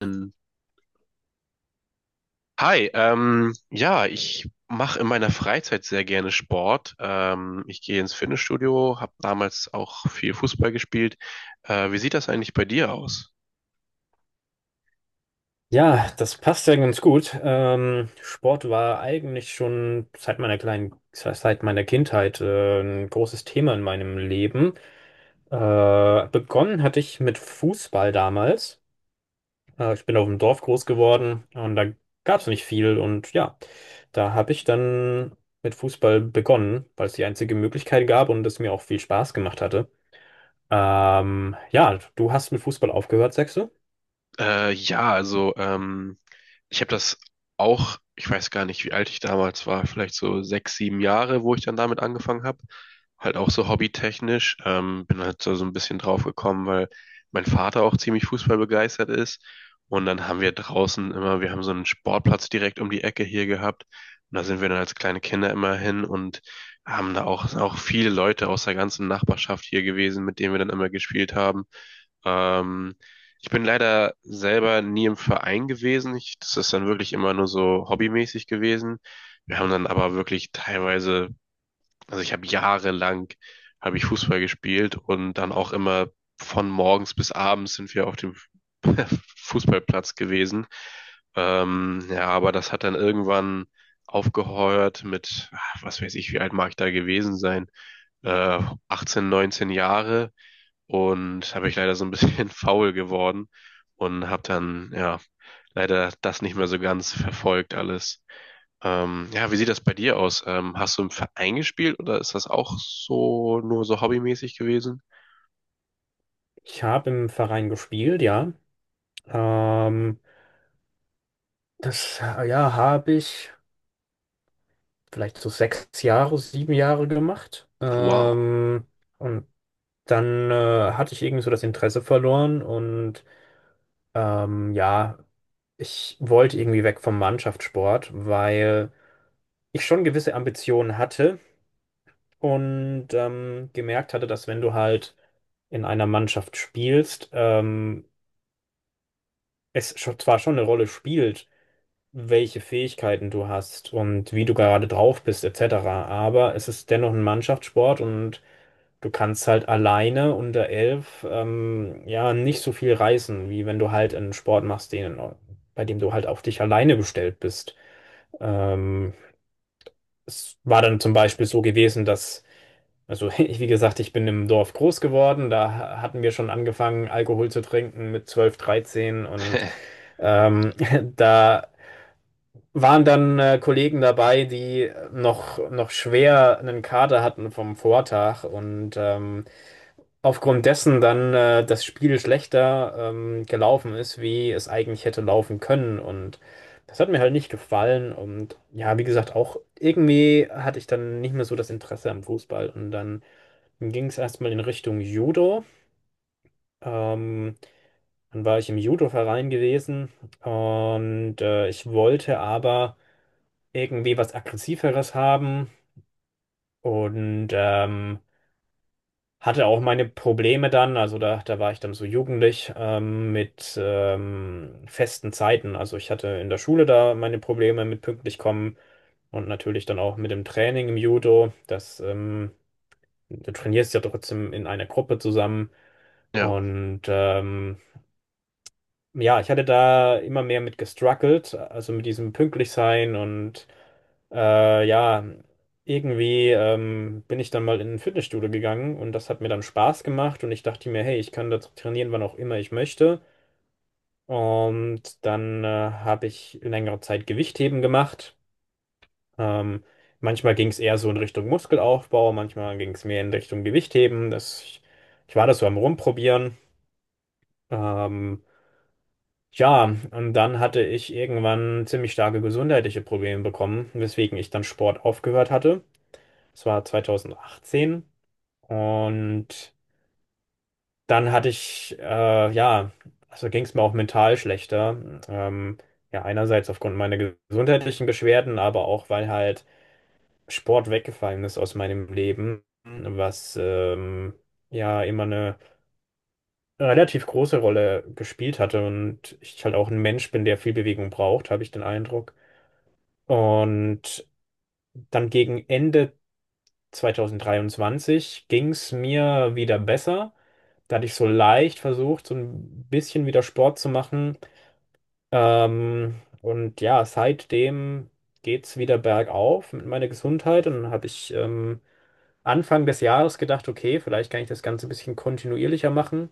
Ähm, Hi, ja, ich mache in meiner Freizeit sehr gerne Sport. Ich gehe ins Fitnessstudio, habe damals auch viel Fußball gespielt. Wie sieht das eigentlich bei dir aus? Ja, das passt ja ganz gut. Sport war eigentlich schon seit meiner Kindheit ein großes Thema in meinem Leben. Begonnen hatte ich mit Fußball damals. Ich bin auf dem Dorf groß geworden, und da gab es nicht viel. Und ja, da habe ich dann mit Fußball begonnen, weil es die einzige Möglichkeit gab und es mir auch viel Spaß gemacht hatte. Ja, du hast mit Fußball aufgehört, sagst du? Ja, also, ich habe das auch, ich weiß gar nicht, wie alt ich damals war, vielleicht so sechs, sieben Jahre, wo ich dann damit angefangen habe. Halt auch so hobbytechnisch. Bin halt so ein bisschen drauf gekommen, weil mein Vater auch ziemlich fußballbegeistert ist. Und dann haben wir draußen immer, wir haben so einen Sportplatz direkt um die Ecke hier gehabt. Und da sind wir dann als kleine Kinder immer hin und haben da auch viele Leute aus der ganzen Nachbarschaft hier gewesen, mit denen wir dann immer gespielt haben. Ähm, Ich bin leider selber nie im Verein gewesen. Ich, das ist dann wirklich immer nur so hobbymäßig gewesen. Wir haben dann aber wirklich teilweise, also ich habe jahrelang habe ich Fußball gespielt und dann auch immer von morgens bis abends sind wir auf dem Fußballplatz gewesen. Ja, aber das hat dann irgendwann aufgehört mit, ah, was weiß ich, wie alt mag ich da gewesen sein? Äh, 18, 19 Jahre und habe ich leider so ein bisschen faul geworden und habe dann ja leider das nicht mehr so ganz verfolgt alles. Ja, wie sieht das bei dir aus? Hast du im Verein gespielt oder ist das auch so nur so hobbymäßig gewesen? Ich habe im Verein gespielt, ja. Ähm, Das, ja, habe ich vielleicht so 6 Jahre, 7 Jahre gemacht. Wow. Und dann hatte ich irgendwie so das Interesse verloren und ja, ich wollte irgendwie weg vom Mannschaftssport, weil ich schon gewisse Ambitionen hatte und gemerkt hatte, dass, wenn du halt in einer Mannschaft spielst, es zwar schon eine Rolle spielt, welche Fähigkeiten du hast und wie du gerade drauf bist, etc. Aber es ist dennoch ein Mannschaftssport, und du kannst halt alleine unter 11 ja nicht so viel reißen, wie wenn du halt einen Sport machst, bei dem du halt auf dich alleine gestellt bist. Ähm, Es war dann zum Beispiel so gewesen, also ich, wie gesagt, ich bin im Dorf groß geworden, da hatten wir schon angefangen, Alkohol zu trinken mit 12, 13, und ähm, da waren dann Kollegen dabei, die noch schwer einen Kater hatten vom Vortag und aufgrund dessen dann das Spiel schlechter gelaufen ist, wie es eigentlich hätte laufen können. Und das hat mir halt nicht gefallen. Und ja, wie gesagt, auch irgendwie hatte ich dann nicht mehr so das Interesse am Fußball. Und dann ging es erstmal in Richtung Judo. Ähm, Dann war ich im Judo-Verein gewesen, und ich wollte aber irgendwie was Aggressiveres haben, und hatte auch meine Probleme dann, also da war ich dann so jugendlich mit festen Zeiten. Also ich hatte in der Schule da meine Probleme mit pünktlich kommen und natürlich dann auch mit dem Training im Judo. Du trainierst ja trotzdem in einer Gruppe zusammen, Ja. und ja, ich hatte da immer mehr mit gestruggelt, also mit diesem pünktlich sein und ja, irgendwie bin ich dann mal in ein Fitnessstudio gegangen, und das hat mir dann Spaß gemacht, und ich dachte mir, hey, ich kann da trainieren, wann auch immer ich möchte. Und dann habe ich längere Zeit Gewichtheben gemacht. Ähm, Manchmal ging es eher so in Richtung Muskelaufbau, manchmal ging es mehr in Richtung Gewichtheben. Ich war das so am Rumprobieren. Ähm, Tja, und dann hatte ich irgendwann ziemlich starke gesundheitliche Probleme bekommen, weswegen ich dann Sport aufgehört hatte. Das war 2018. Und dann hatte ich, ja, also ging es mir auch mental schlechter. Ja, einerseits aufgrund meiner gesundheitlichen Beschwerden, aber auch, weil halt Sport weggefallen ist aus meinem Leben, was ja immer eine relativ große Rolle gespielt hatte. Und ich halt auch ein Mensch bin, der viel Bewegung braucht, habe ich den Eindruck. Und dann gegen Ende 2023 ging es mir wieder besser. Da hatte ich so leicht versucht, so ein bisschen wieder Sport zu machen. Und ja, seitdem geht es wieder bergauf mit meiner Gesundheit. Und dann habe ich Anfang des Jahres gedacht, okay, vielleicht kann ich das Ganze ein bisschen kontinuierlicher machen.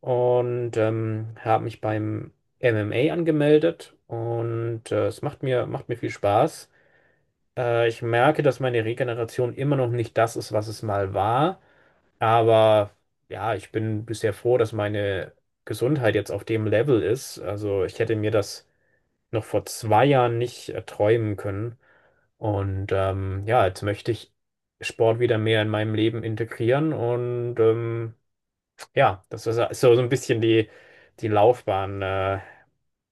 Und habe mich beim MMA angemeldet. Und es macht mir, viel Spaß. Ich merke, dass meine Regeneration immer noch nicht das ist, was es mal war. Aber ja, ich bin bisher froh, dass meine Gesundheit jetzt auf dem Level ist. Also ich hätte mir das noch vor 2 Jahren nicht erträumen können. Und ja, jetzt möchte ich Sport wieder mehr in meinem Leben integrieren. Und ja, das ist so ein bisschen die Laufbahn,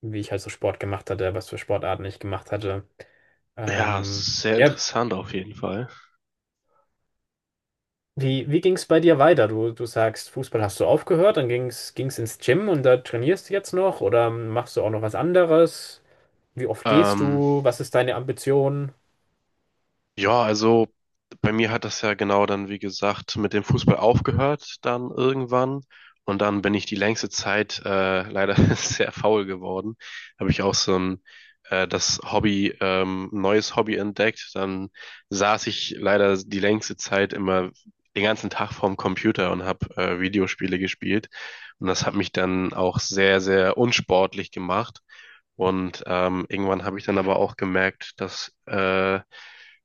wie ich halt so Sport gemacht hatte, was für Sportarten ich gemacht hatte. Ja, Ähm, sehr ja, interessant auf jeden Fall. wie ging es bei dir weiter? Du sagst, Fußball hast du aufgehört, dann ging's ins Gym, und da trainierst du jetzt noch oder machst du auch noch was anderes? Wie oft gehst Ähm, du? Was ist deine Ambition? Ja, also bei mir hat das ja genau dann, wie gesagt, mit dem Fußball aufgehört, dann irgendwann. Und dann bin ich die längste Zeit leider sehr faul geworden. Habe ich auch so ein das Hobby, neues Hobby entdeckt. Dann saß ich leider die längste Zeit immer den ganzen Tag vorm Computer und habe Videospiele gespielt. Und das hat mich dann auch sehr, sehr unsportlich gemacht. Und irgendwann habe ich dann aber auch gemerkt, dass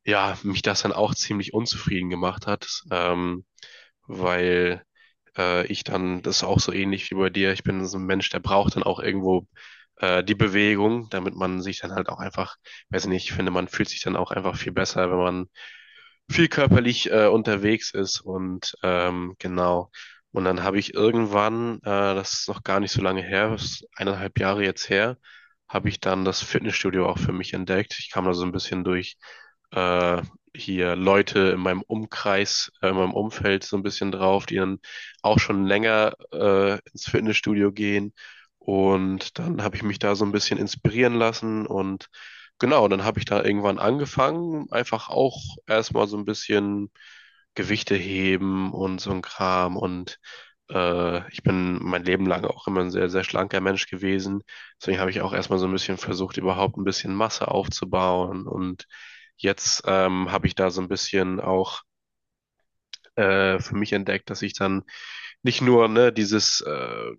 ja, mich das dann auch ziemlich unzufrieden gemacht hat, weil ich dann, das ist auch so ähnlich wie bei dir, ich bin so ein Mensch, der braucht dann auch irgendwo die Bewegung, damit man sich dann halt auch einfach, weiß nicht, ich finde, man fühlt sich dann auch einfach viel besser, wenn man viel körperlich unterwegs ist und genau. Und dann habe ich irgendwann, das ist noch gar nicht so lange her, das ist eineinhalb Jahre jetzt her, habe ich dann das Fitnessstudio auch für mich entdeckt. Ich kam da so ein bisschen durch äh, hier Leute in meinem Umkreis, in meinem Umfeld so ein bisschen drauf, die dann auch schon länger ins Fitnessstudio gehen. Und dann habe ich mich da so ein bisschen inspirieren lassen und genau, und dann habe ich da irgendwann angefangen, einfach auch erstmal so ein bisschen Gewichte heben und so ein Kram. Und ich bin mein Leben lang auch immer ein sehr, sehr schlanker Mensch gewesen. Deswegen habe ich auch erstmal so ein bisschen versucht, überhaupt ein bisschen Masse aufzubauen. Und jetzt habe ich da so ein bisschen auch für mich entdeckt, dass ich dann nicht nur, ne, dieses,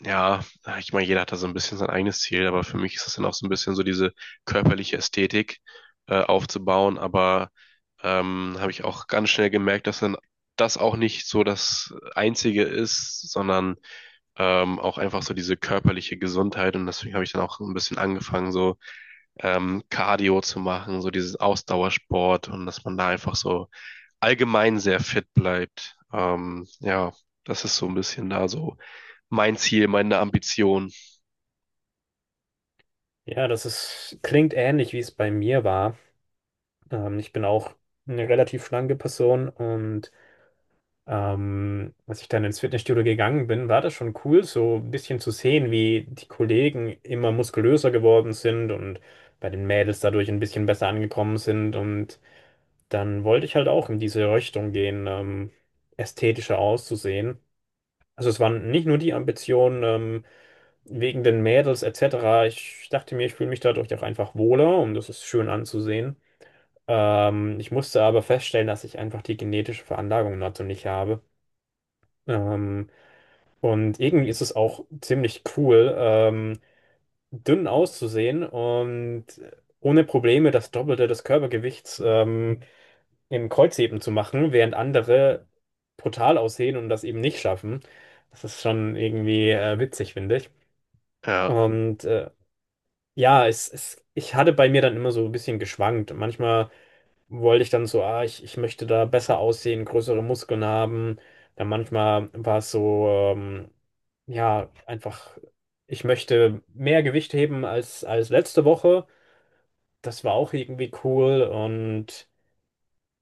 ja, ich meine, jeder hat da so ein bisschen sein eigenes Ziel, aber für mich ist das dann auch so ein bisschen so diese körperliche Ästhetik aufzubauen, aber habe ich auch ganz schnell gemerkt, dass dann das auch nicht so das Einzige ist, sondern auch einfach so diese körperliche Gesundheit und deswegen habe ich dann auch ein bisschen angefangen, so Cardio zu machen, so dieses Ausdauersport und dass man da einfach so allgemein sehr fit bleibt. Ja, das ist so ein bisschen da so mein Ziel, meine Ambition. Ja, klingt ähnlich, wie es bei mir war. Ich bin auch eine relativ schlanke Person, und als ich dann ins Fitnessstudio gegangen bin, war das schon cool, so ein bisschen zu sehen, wie die Kollegen immer muskulöser geworden sind und bei den Mädels dadurch ein bisschen besser angekommen sind, und dann wollte ich halt auch in diese Richtung gehen, ästhetischer auszusehen. Also es waren nicht nur die Ambitionen wegen den Mädels, etc. Ich dachte mir, ich fühle mich dadurch auch einfach wohler, und das ist schön anzusehen. Ich musste aber feststellen, dass ich einfach die genetische Veranlagung dazu nicht habe. Ähm, und irgendwie ist es auch ziemlich cool, dünn auszusehen und ohne Probleme das Doppelte des Körpergewichts im Kreuzheben zu machen, während andere brutal aussehen und das eben nicht schaffen. Das ist schon irgendwie witzig, finde ich. Ja, Und ja, ich hatte bei mir dann immer so ein bisschen geschwankt. Manchmal wollte ich dann so, ah, ich möchte da besser aussehen, größere Muskeln haben. Dann manchmal war es so, ja, einfach, ich möchte mehr Gewicht heben als letzte Woche. Das war auch irgendwie cool. Und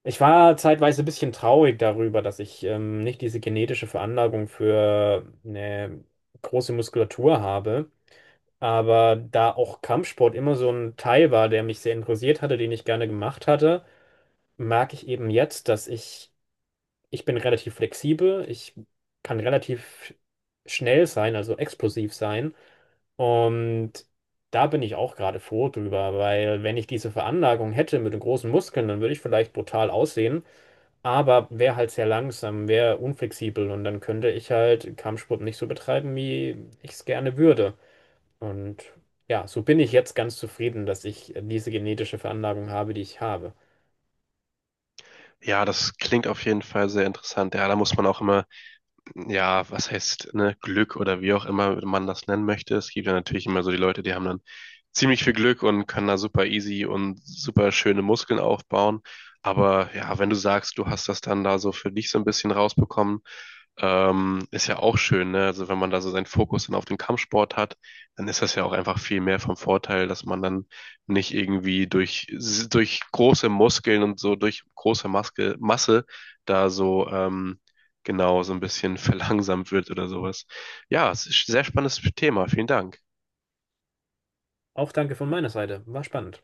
ich war zeitweise ein bisschen traurig darüber, dass ich nicht diese genetische Veranlagung für eine große Muskulatur habe. Aber da auch Kampfsport immer so ein Teil war, der mich sehr interessiert hatte, den ich gerne gemacht hatte, merke ich eben jetzt, dass ich bin relativ flexibel, ich kann relativ schnell sein, also explosiv sein. Und da bin ich auch gerade froh drüber, weil, wenn ich diese Veranlagung hätte mit den großen Muskeln, dann würde ich vielleicht brutal aussehen, aber wäre halt sehr langsam, wäre unflexibel, und dann könnte ich halt Kampfsport nicht so betreiben, wie ich es gerne würde. Und ja, so bin ich jetzt ganz zufrieden, dass ich diese genetische Veranlagung habe, die ich habe. ja, das klingt auf jeden Fall sehr interessant. Ja, da muss man auch immer ja, was heißt, ne, Glück oder wie auch immer man das nennen möchte. Es gibt ja natürlich immer so die Leute, die haben dann ziemlich viel Glück und können da super easy und super schöne Muskeln aufbauen. Aber ja, wenn du sagst, du hast das dann da so für dich so ein bisschen rausbekommen, ist ja auch schön, ne? Also wenn man da so seinen Fokus dann auf den Kampfsport hat, dann ist das ja auch einfach viel mehr vom Vorteil, dass man dann nicht irgendwie durch große Muskeln und so durch Masse da so genau so ein bisschen verlangsamt wird oder sowas. Ja, es ist ein sehr spannendes Thema. Vielen Dank. Auch danke von meiner Seite, war spannend.